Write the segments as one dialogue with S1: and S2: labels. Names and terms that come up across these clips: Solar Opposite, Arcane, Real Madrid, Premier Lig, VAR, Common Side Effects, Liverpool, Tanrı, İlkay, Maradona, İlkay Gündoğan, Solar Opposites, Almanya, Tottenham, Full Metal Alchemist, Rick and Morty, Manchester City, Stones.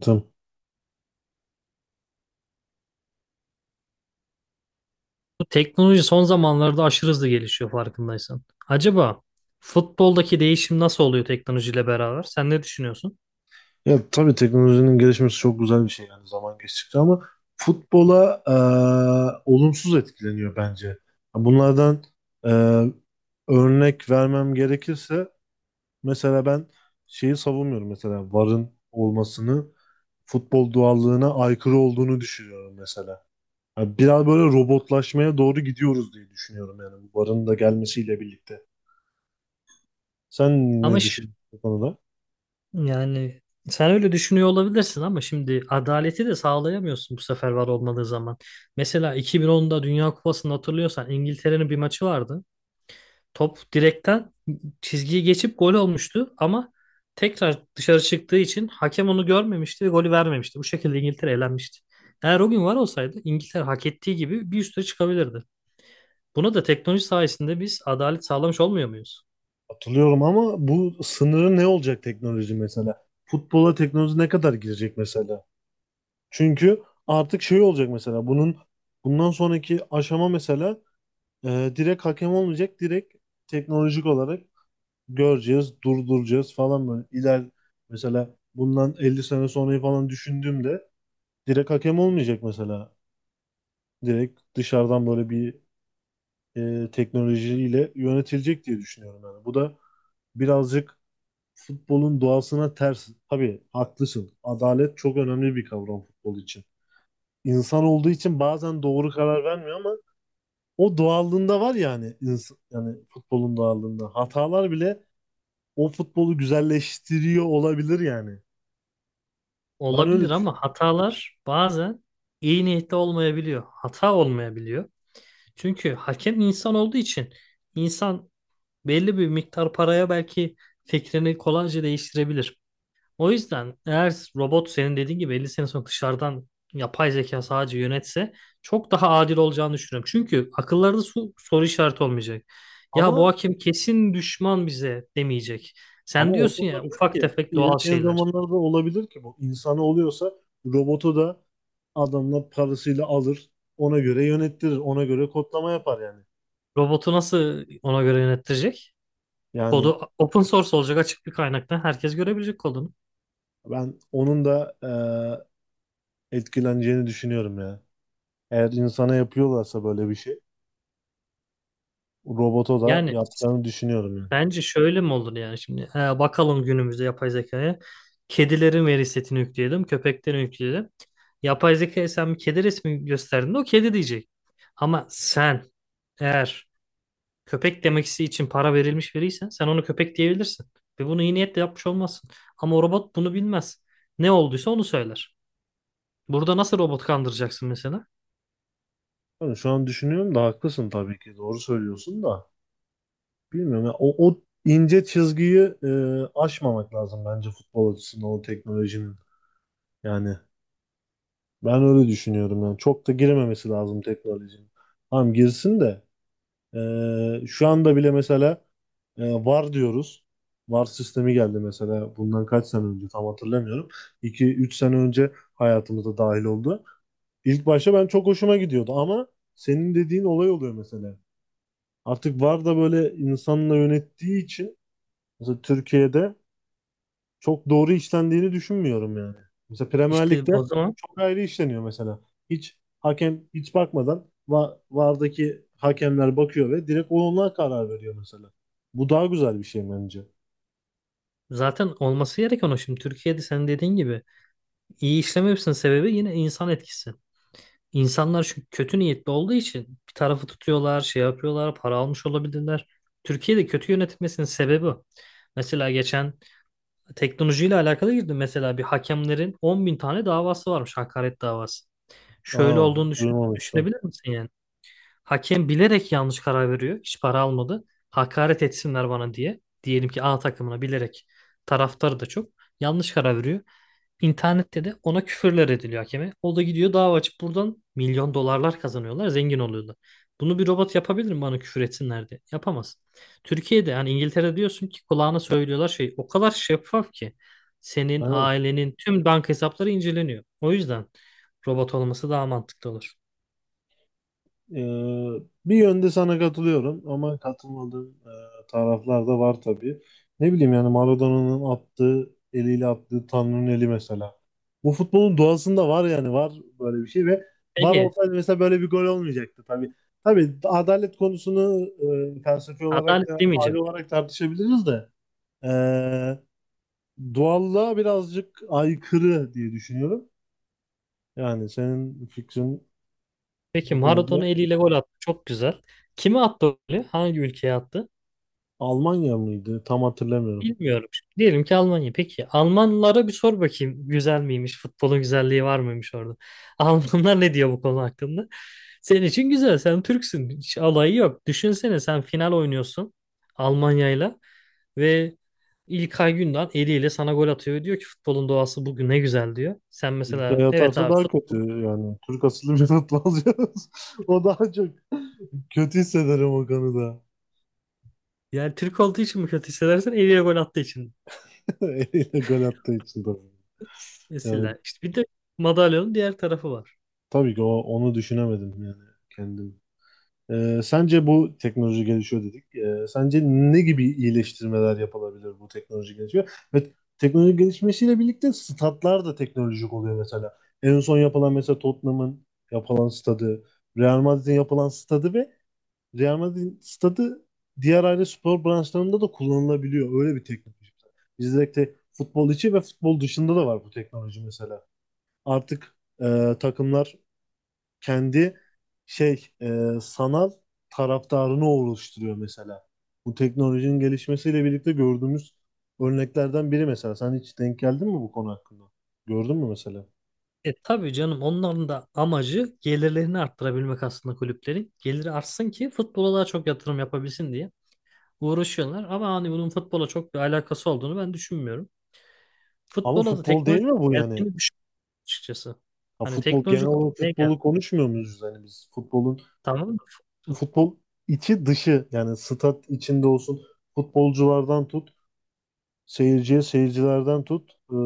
S1: Tamam.
S2: Bu teknoloji son zamanlarda aşırı hızlı gelişiyor farkındaysan. Acaba futboldaki değişim nasıl oluyor teknolojiyle beraber? Sen ne düşünüyorsun?
S1: Ya tabii teknolojinin gelişmesi çok güzel bir şey yani zaman geçtikçe ama futbola olumsuz etkileniyor bence. Bunlardan e, örnek vermem gerekirse mesela ben şeyi savunmuyorum mesela VAR'ın olmasını futbol doğallığına aykırı olduğunu düşünüyorum mesela. Yani biraz böyle robotlaşmaya doğru gidiyoruz diye düşünüyorum yani bu VAR'ın da gelmesiyle birlikte. Sen
S2: Ama
S1: ne
S2: ş-
S1: düşünüyorsun bu konuda?
S2: yani sen öyle düşünüyor olabilirsin ama şimdi adaleti de sağlayamıyorsun bu sefer var olmadığı zaman. Mesela 2010'da Dünya Kupası'nı hatırlıyorsan İngiltere'nin bir maçı vardı. Top direkten çizgiyi geçip gol olmuştu ama tekrar dışarı çıktığı için hakem onu görmemişti ve golü vermemişti. Bu şekilde İngiltere elenmişti. Eğer o gün var olsaydı İngiltere hak ettiği gibi bir üste çıkabilirdi. Buna da teknoloji sayesinde biz adalet sağlamış olmuyor muyuz?
S1: Hatırlıyorum ama bu sınırı ne olacak teknoloji mesela? Futbola teknoloji ne kadar girecek mesela? Çünkü artık şey olacak mesela bunun bundan sonraki aşama mesela direkt hakem olmayacak. Direkt teknolojik olarak göreceğiz, durduracağız falan böyle. Mesela bundan 50 sene sonrayı falan düşündüğümde direkt hakem olmayacak mesela. Direkt dışarıdan böyle bir teknolojiyle yönetilecek diye düşünüyorum yani. Bu da birazcık futbolun doğasına ters. Tabii haklısın. Adalet çok önemli bir kavram futbol için. İnsan olduğu için bazen doğru karar vermiyor ama o doğallığında var yani yani futbolun doğallığında. Hatalar bile o futbolu güzelleştiriyor olabilir yani. Ben öyle
S2: Olabilir ama
S1: düşünüyorum.
S2: hatalar bazen iyi niyetli olmayabiliyor. Hata olmayabiliyor. Çünkü hakem insan olduğu için insan belli bir miktar paraya belki fikrini kolayca değiştirebilir. O yüzden eğer robot senin dediğin gibi 50 sene sonra dışarıdan yapay zeka sadece yönetse çok daha adil olacağını düşünüyorum. Çünkü akıllarda soru işareti olmayacak. Ya bu
S1: Ama
S2: hakem kesin düşman bize demeyecek.
S1: ama
S2: Sen
S1: o da
S2: diyorsun ya
S1: olabilir
S2: ufak
S1: ki.
S2: tefek doğal
S1: İlerleyen
S2: şeyler.
S1: zamanlarda olabilir ki bu. İnsanı oluyorsa robotu da adamla parasıyla alır. Ona göre yönettirir. Ona göre kodlama yapar yani.
S2: Robotu nasıl ona göre yönettirecek?
S1: Yani
S2: Kodu open source olacak, açık bir kaynaktan herkes görebilecek kodunu.
S1: ben onun da etkileneceğini düşünüyorum ya. Eğer insana yapıyorlarsa böyle bir şey, robota da
S2: Yani
S1: yapacağını düşünüyorum yani.
S2: bence şöyle mi olur yani şimdi? He, bakalım günümüzde yapay zekaya. Kedilerin veri setini yükleyelim, köpeklerin yükleyelim. Yapay zekaya sen bir kedi resmi gösterdiğinde o kedi diyecek. Ama sen eğer köpek demeksi için para verilmiş veriysen sen onu köpek diyebilirsin. Ve bunu iyi niyetle yapmış olmazsın. Ama o robot bunu bilmez. Ne olduysa onu söyler. Burada nasıl robot kandıracaksın mesela?
S1: Tabii şu an düşünüyorum da haklısın tabii ki. Doğru söylüyorsun da. Bilmiyorum ya. O ince çizgiyi aşmamak lazım bence futbol açısından o teknolojinin. Yani ben öyle düşünüyorum yani. Çok da girememesi lazım teknolojinin. Tamam girsin de. Şu anda bile mesela VAR diyoruz. VAR sistemi geldi mesela bundan kaç sene önce tam hatırlamıyorum. 2-3 sene önce hayatımıza dahil oldu. İlk başta ben çok hoşuma gidiyordu ama senin dediğin olay oluyor mesela. Artık VAR da böyle insanla yönettiği için mesela Türkiye'de çok doğru işlendiğini düşünmüyorum yani. Mesela Premier
S2: İşte
S1: Lig'de
S2: o zaman
S1: çok ayrı işleniyor mesela. Hiç hakem hiç bakmadan VAR'daki hakemler bakıyor ve direkt onlar karar veriyor mesela. Bu daha güzel bir şey bence.
S2: zaten olması gereken o. Şimdi Türkiye'de sen dediğin gibi iyi işlememesinin sebebi yine insan etkisi. İnsanlar şu kötü niyetli olduğu için bir tarafı tutuyorlar, şey yapıyorlar, para almış olabilirler. Türkiye'de kötü yönetilmesinin sebebi o. Mesela geçen teknolojiyle alakalı girdi. Mesela bir hakemlerin 10.000 tane davası varmış, hakaret davası. Şöyle
S1: Aa,
S2: olduğunu
S1: duymamıştım.
S2: düşünebilir misin yani? Hakem bilerek yanlış karar veriyor, hiç para almadı. Hakaret etsinler bana diye. Diyelim ki A takımına bilerek, taraftarı da çok, yanlış karar veriyor. İnternette de ona küfürler ediliyor hakeme. O da gidiyor dava açıp buradan milyon dolarlar kazanıyorlar, zengin oluyorlar. Bunu bir robot yapabilir mi bana küfür etsinler diye? Yapamaz. Türkiye'de yani İngiltere diyorsun ki kulağına söylüyorlar, şey, o kadar şeffaf ki senin ailenin tüm banka hesapları inceleniyor. O yüzden robot olması daha mantıklı olur.
S1: Ee, Bir yönde sana katılıyorum ama katılmadığım taraflar da var tabii. Ne bileyim yani Maradona'nın attığı eliyle attığı Tanrı'nın eli mesela. Bu futbolun doğasında var yani var böyle bir şey ve var
S2: Peki
S1: olsaydı mesela böyle bir gol olmayacaktı tabii. Tabii adalet konusunu felsefi olarak
S2: adalet
S1: da aile
S2: demeyeceğim.
S1: olarak tartışabiliriz de e, doğallığa birazcık aykırı diye düşünüyorum. Yani senin fikrin
S2: Peki
S1: bu
S2: Maradona
S1: konuda
S2: eliyle gol attı. Çok güzel. Kime attı o golü? Hangi ülkeye attı?
S1: Almanya mıydı? Tam hatırlamıyorum.
S2: Bilmiyorum. Diyelim ki Almanya. Peki Almanlara bir sor bakayım. Güzel miymiş? Futbolun güzelliği var mıymış orada? Almanlar ne diyor bu konu hakkında? Senin için güzel. Sen Türksün. Hiç alayı yok. Düşünsene sen final oynuyorsun Almanya'yla ve İlkay Gündoğan eliyle sana gol atıyor. Ve diyor ki futbolun doğası bugün ne güzel diyor. Sen
S1: İlkay
S2: mesela, evet
S1: atarsa
S2: abi,
S1: daha kötü
S2: futbol,
S1: yani. Türk asıllı bir atla alacağız. O daha çok kötü hissederim o konuda.
S2: yani Türk olduğu için mi kötü hissedersin? Eliyle gol attığı için.
S1: Eliyle gol attığı için tabii. Yani
S2: Mesela işte bir de madalyonun diğer tarafı var.
S1: tabii ki onu düşünemedim yani kendim. Sence bu teknoloji gelişiyor dedik. Sence ne gibi iyileştirmeler yapılabilir bu teknoloji gelişiyor? Ve teknoloji gelişmesiyle birlikte statlar da teknolojik oluyor mesela. En son yapılan mesela Tottenham'ın yapılan stadı, Real Madrid'in yapılan stadı ve Real Madrid'in stadı diğer aile spor branşlarında da kullanılabiliyor. Öyle bir teknoloji. Bizde de futbol içi ve futbol dışında da var bu teknoloji mesela. Artık takımlar kendi şey sanal taraftarını oluşturuyor mesela. Bu teknolojinin gelişmesiyle birlikte gördüğümüz örneklerden biri mesela. Sen hiç denk geldin mi bu konu hakkında? Gördün mü mesela?
S2: E tabii canım, onların da amacı gelirlerini arttırabilmek aslında kulüplerin. Geliri artsın ki futbola daha çok yatırım yapabilsin diye uğraşıyorlar. Ama hani bunun futbola çok bir alakası olduğunu ben düşünmüyorum.
S1: Ama
S2: Futbola da
S1: futbol değil
S2: teknoloji
S1: mi bu yani?
S2: geldiğini düşünmüyorum açıkçası.
S1: Ha,
S2: Hani
S1: futbol genel
S2: teknoloji
S1: olarak
S2: ne geldi?
S1: futbolu konuşmuyor muyuz yani biz? Futbolun
S2: Tamam mı? Fut-
S1: futbol içi dışı yani stat içinde olsun futbolculardan tut seyirciye seyircilerden tut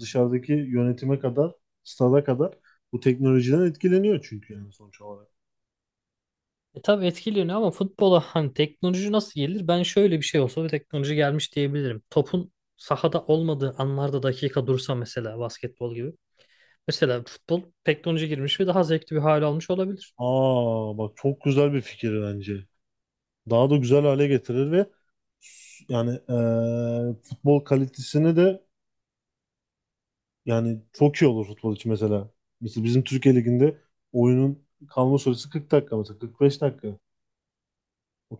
S1: dışarıdaki yönetime kadar stada kadar bu teknolojiden etkileniyor çünkü yani sonuç olarak.
S2: E tabii etkileniyor ama futbola hani teknoloji nasıl gelir? Ben şöyle bir şey olsa bir teknoloji gelmiş diyebilirim. Topun sahada olmadığı anlarda dakika dursa mesela, basketbol gibi. Mesela futbol teknoloji girmiş ve daha zevkli bir hale almış olabilir.
S1: Aa bak çok güzel bir fikir bence. Daha da güzel hale getirir ve yani futbol kalitesini de yani çok iyi olur futbol için mesela. Mesela bizim Türkiye Ligi'nde oyunun kalma süresi 40 dakika mesela 45 dakika.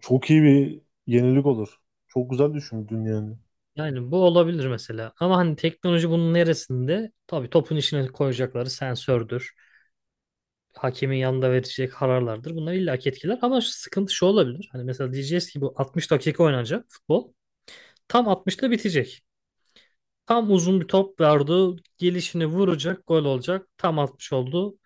S1: Çok iyi bir yenilik olur. Çok güzel düşündün yani.
S2: Yani bu olabilir mesela. Ama hani teknoloji bunun neresinde? Tabii topun içine koyacakları sensördür. Hakemin yanında verecek kararlardır. Bunlar illaki etkiler. Ama şu sıkıntı şu olabilir. Hani mesela diyeceğiz ki bu 60 dakika oynanacak futbol. Tam 60'ta bitecek. Tam uzun bir top verdi. Gelişini vuracak. Gol olacak. Tam 60 oldu.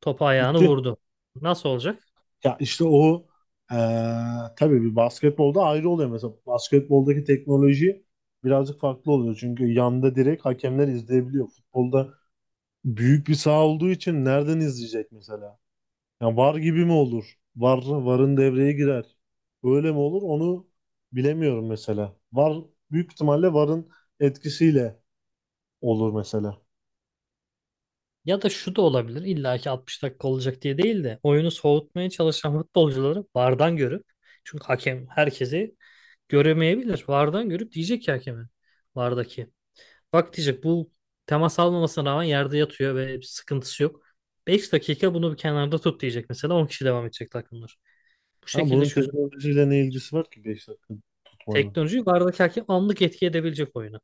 S2: Topu ayağını
S1: Bitti.
S2: vurdu. Nasıl olacak?
S1: Ya işte o eee tabii bir basketbolda ayrı oluyor mesela. Basketboldaki teknoloji birazcık farklı oluyor. Çünkü yanda direkt hakemler izleyebiliyor. Futbolda büyük bir saha olduğu için nereden izleyecek mesela? Yani var gibi mi olur? Var, varın devreye girer. Öyle mi olur? Onu bilemiyorum mesela. Var büyük ihtimalle varın etkisiyle olur mesela.
S2: Ya da şu da olabilir. İlla ki 60 dakika olacak diye değil de oyunu soğutmaya çalışan futbolcuları VAR'dan görüp, çünkü hakem herkesi göremeyebilir, VAR'dan görüp diyecek ki hakeme, VAR'daki. Bak diyecek, bu temas almamasına rağmen yerde yatıyor ve bir sıkıntısı yok. 5 dakika bunu bir kenarda tut diyecek mesela, 10 kişi devam edecek takımlar. Bu
S1: Ha,
S2: şekilde
S1: bunun
S2: çözüm.
S1: teknolojiyle ne ilgisi var ki 5 dakika tutmanın?
S2: Teknoloji VAR'daki hakem anlık etki edebilecek oyunu.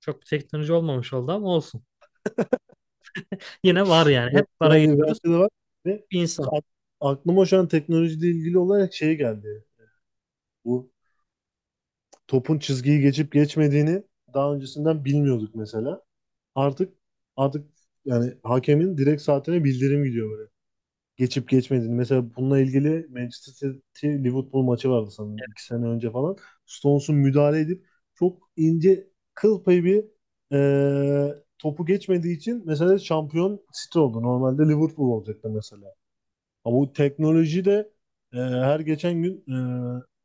S2: Çok bir teknoloji olmamış oldu ama olsun. Yine var yani.
S1: Yok,
S2: Hep VAR'a
S1: bence
S2: geliyoruz.
S1: de var. Ve
S2: Bir insan.
S1: a- aklıma şu an teknolojiyle ilgili olarak şey geldi. Bu topun çizgiyi geçip geçmediğini daha öncesinden bilmiyorduk mesela. Artık artık yani hakemin direkt saatine bildirim gidiyor böyle. Geçip geçmediğini. Mesela bununla ilgili Manchester City Liverpool maçı vardı sanırım 2 sene önce falan. Stones'un müdahale edip çok ince kıl payı bir topu geçmediği için mesela şampiyon City oldu. Normalde Liverpool olacaktı mesela. Ama bu teknoloji de her geçen gün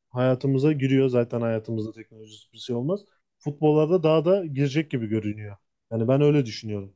S1: hayatımıza giriyor. Zaten hayatımızda teknolojisi bir şey olmaz. Futbollarda daha da girecek gibi görünüyor. Yani ben öyle düşünüyorum.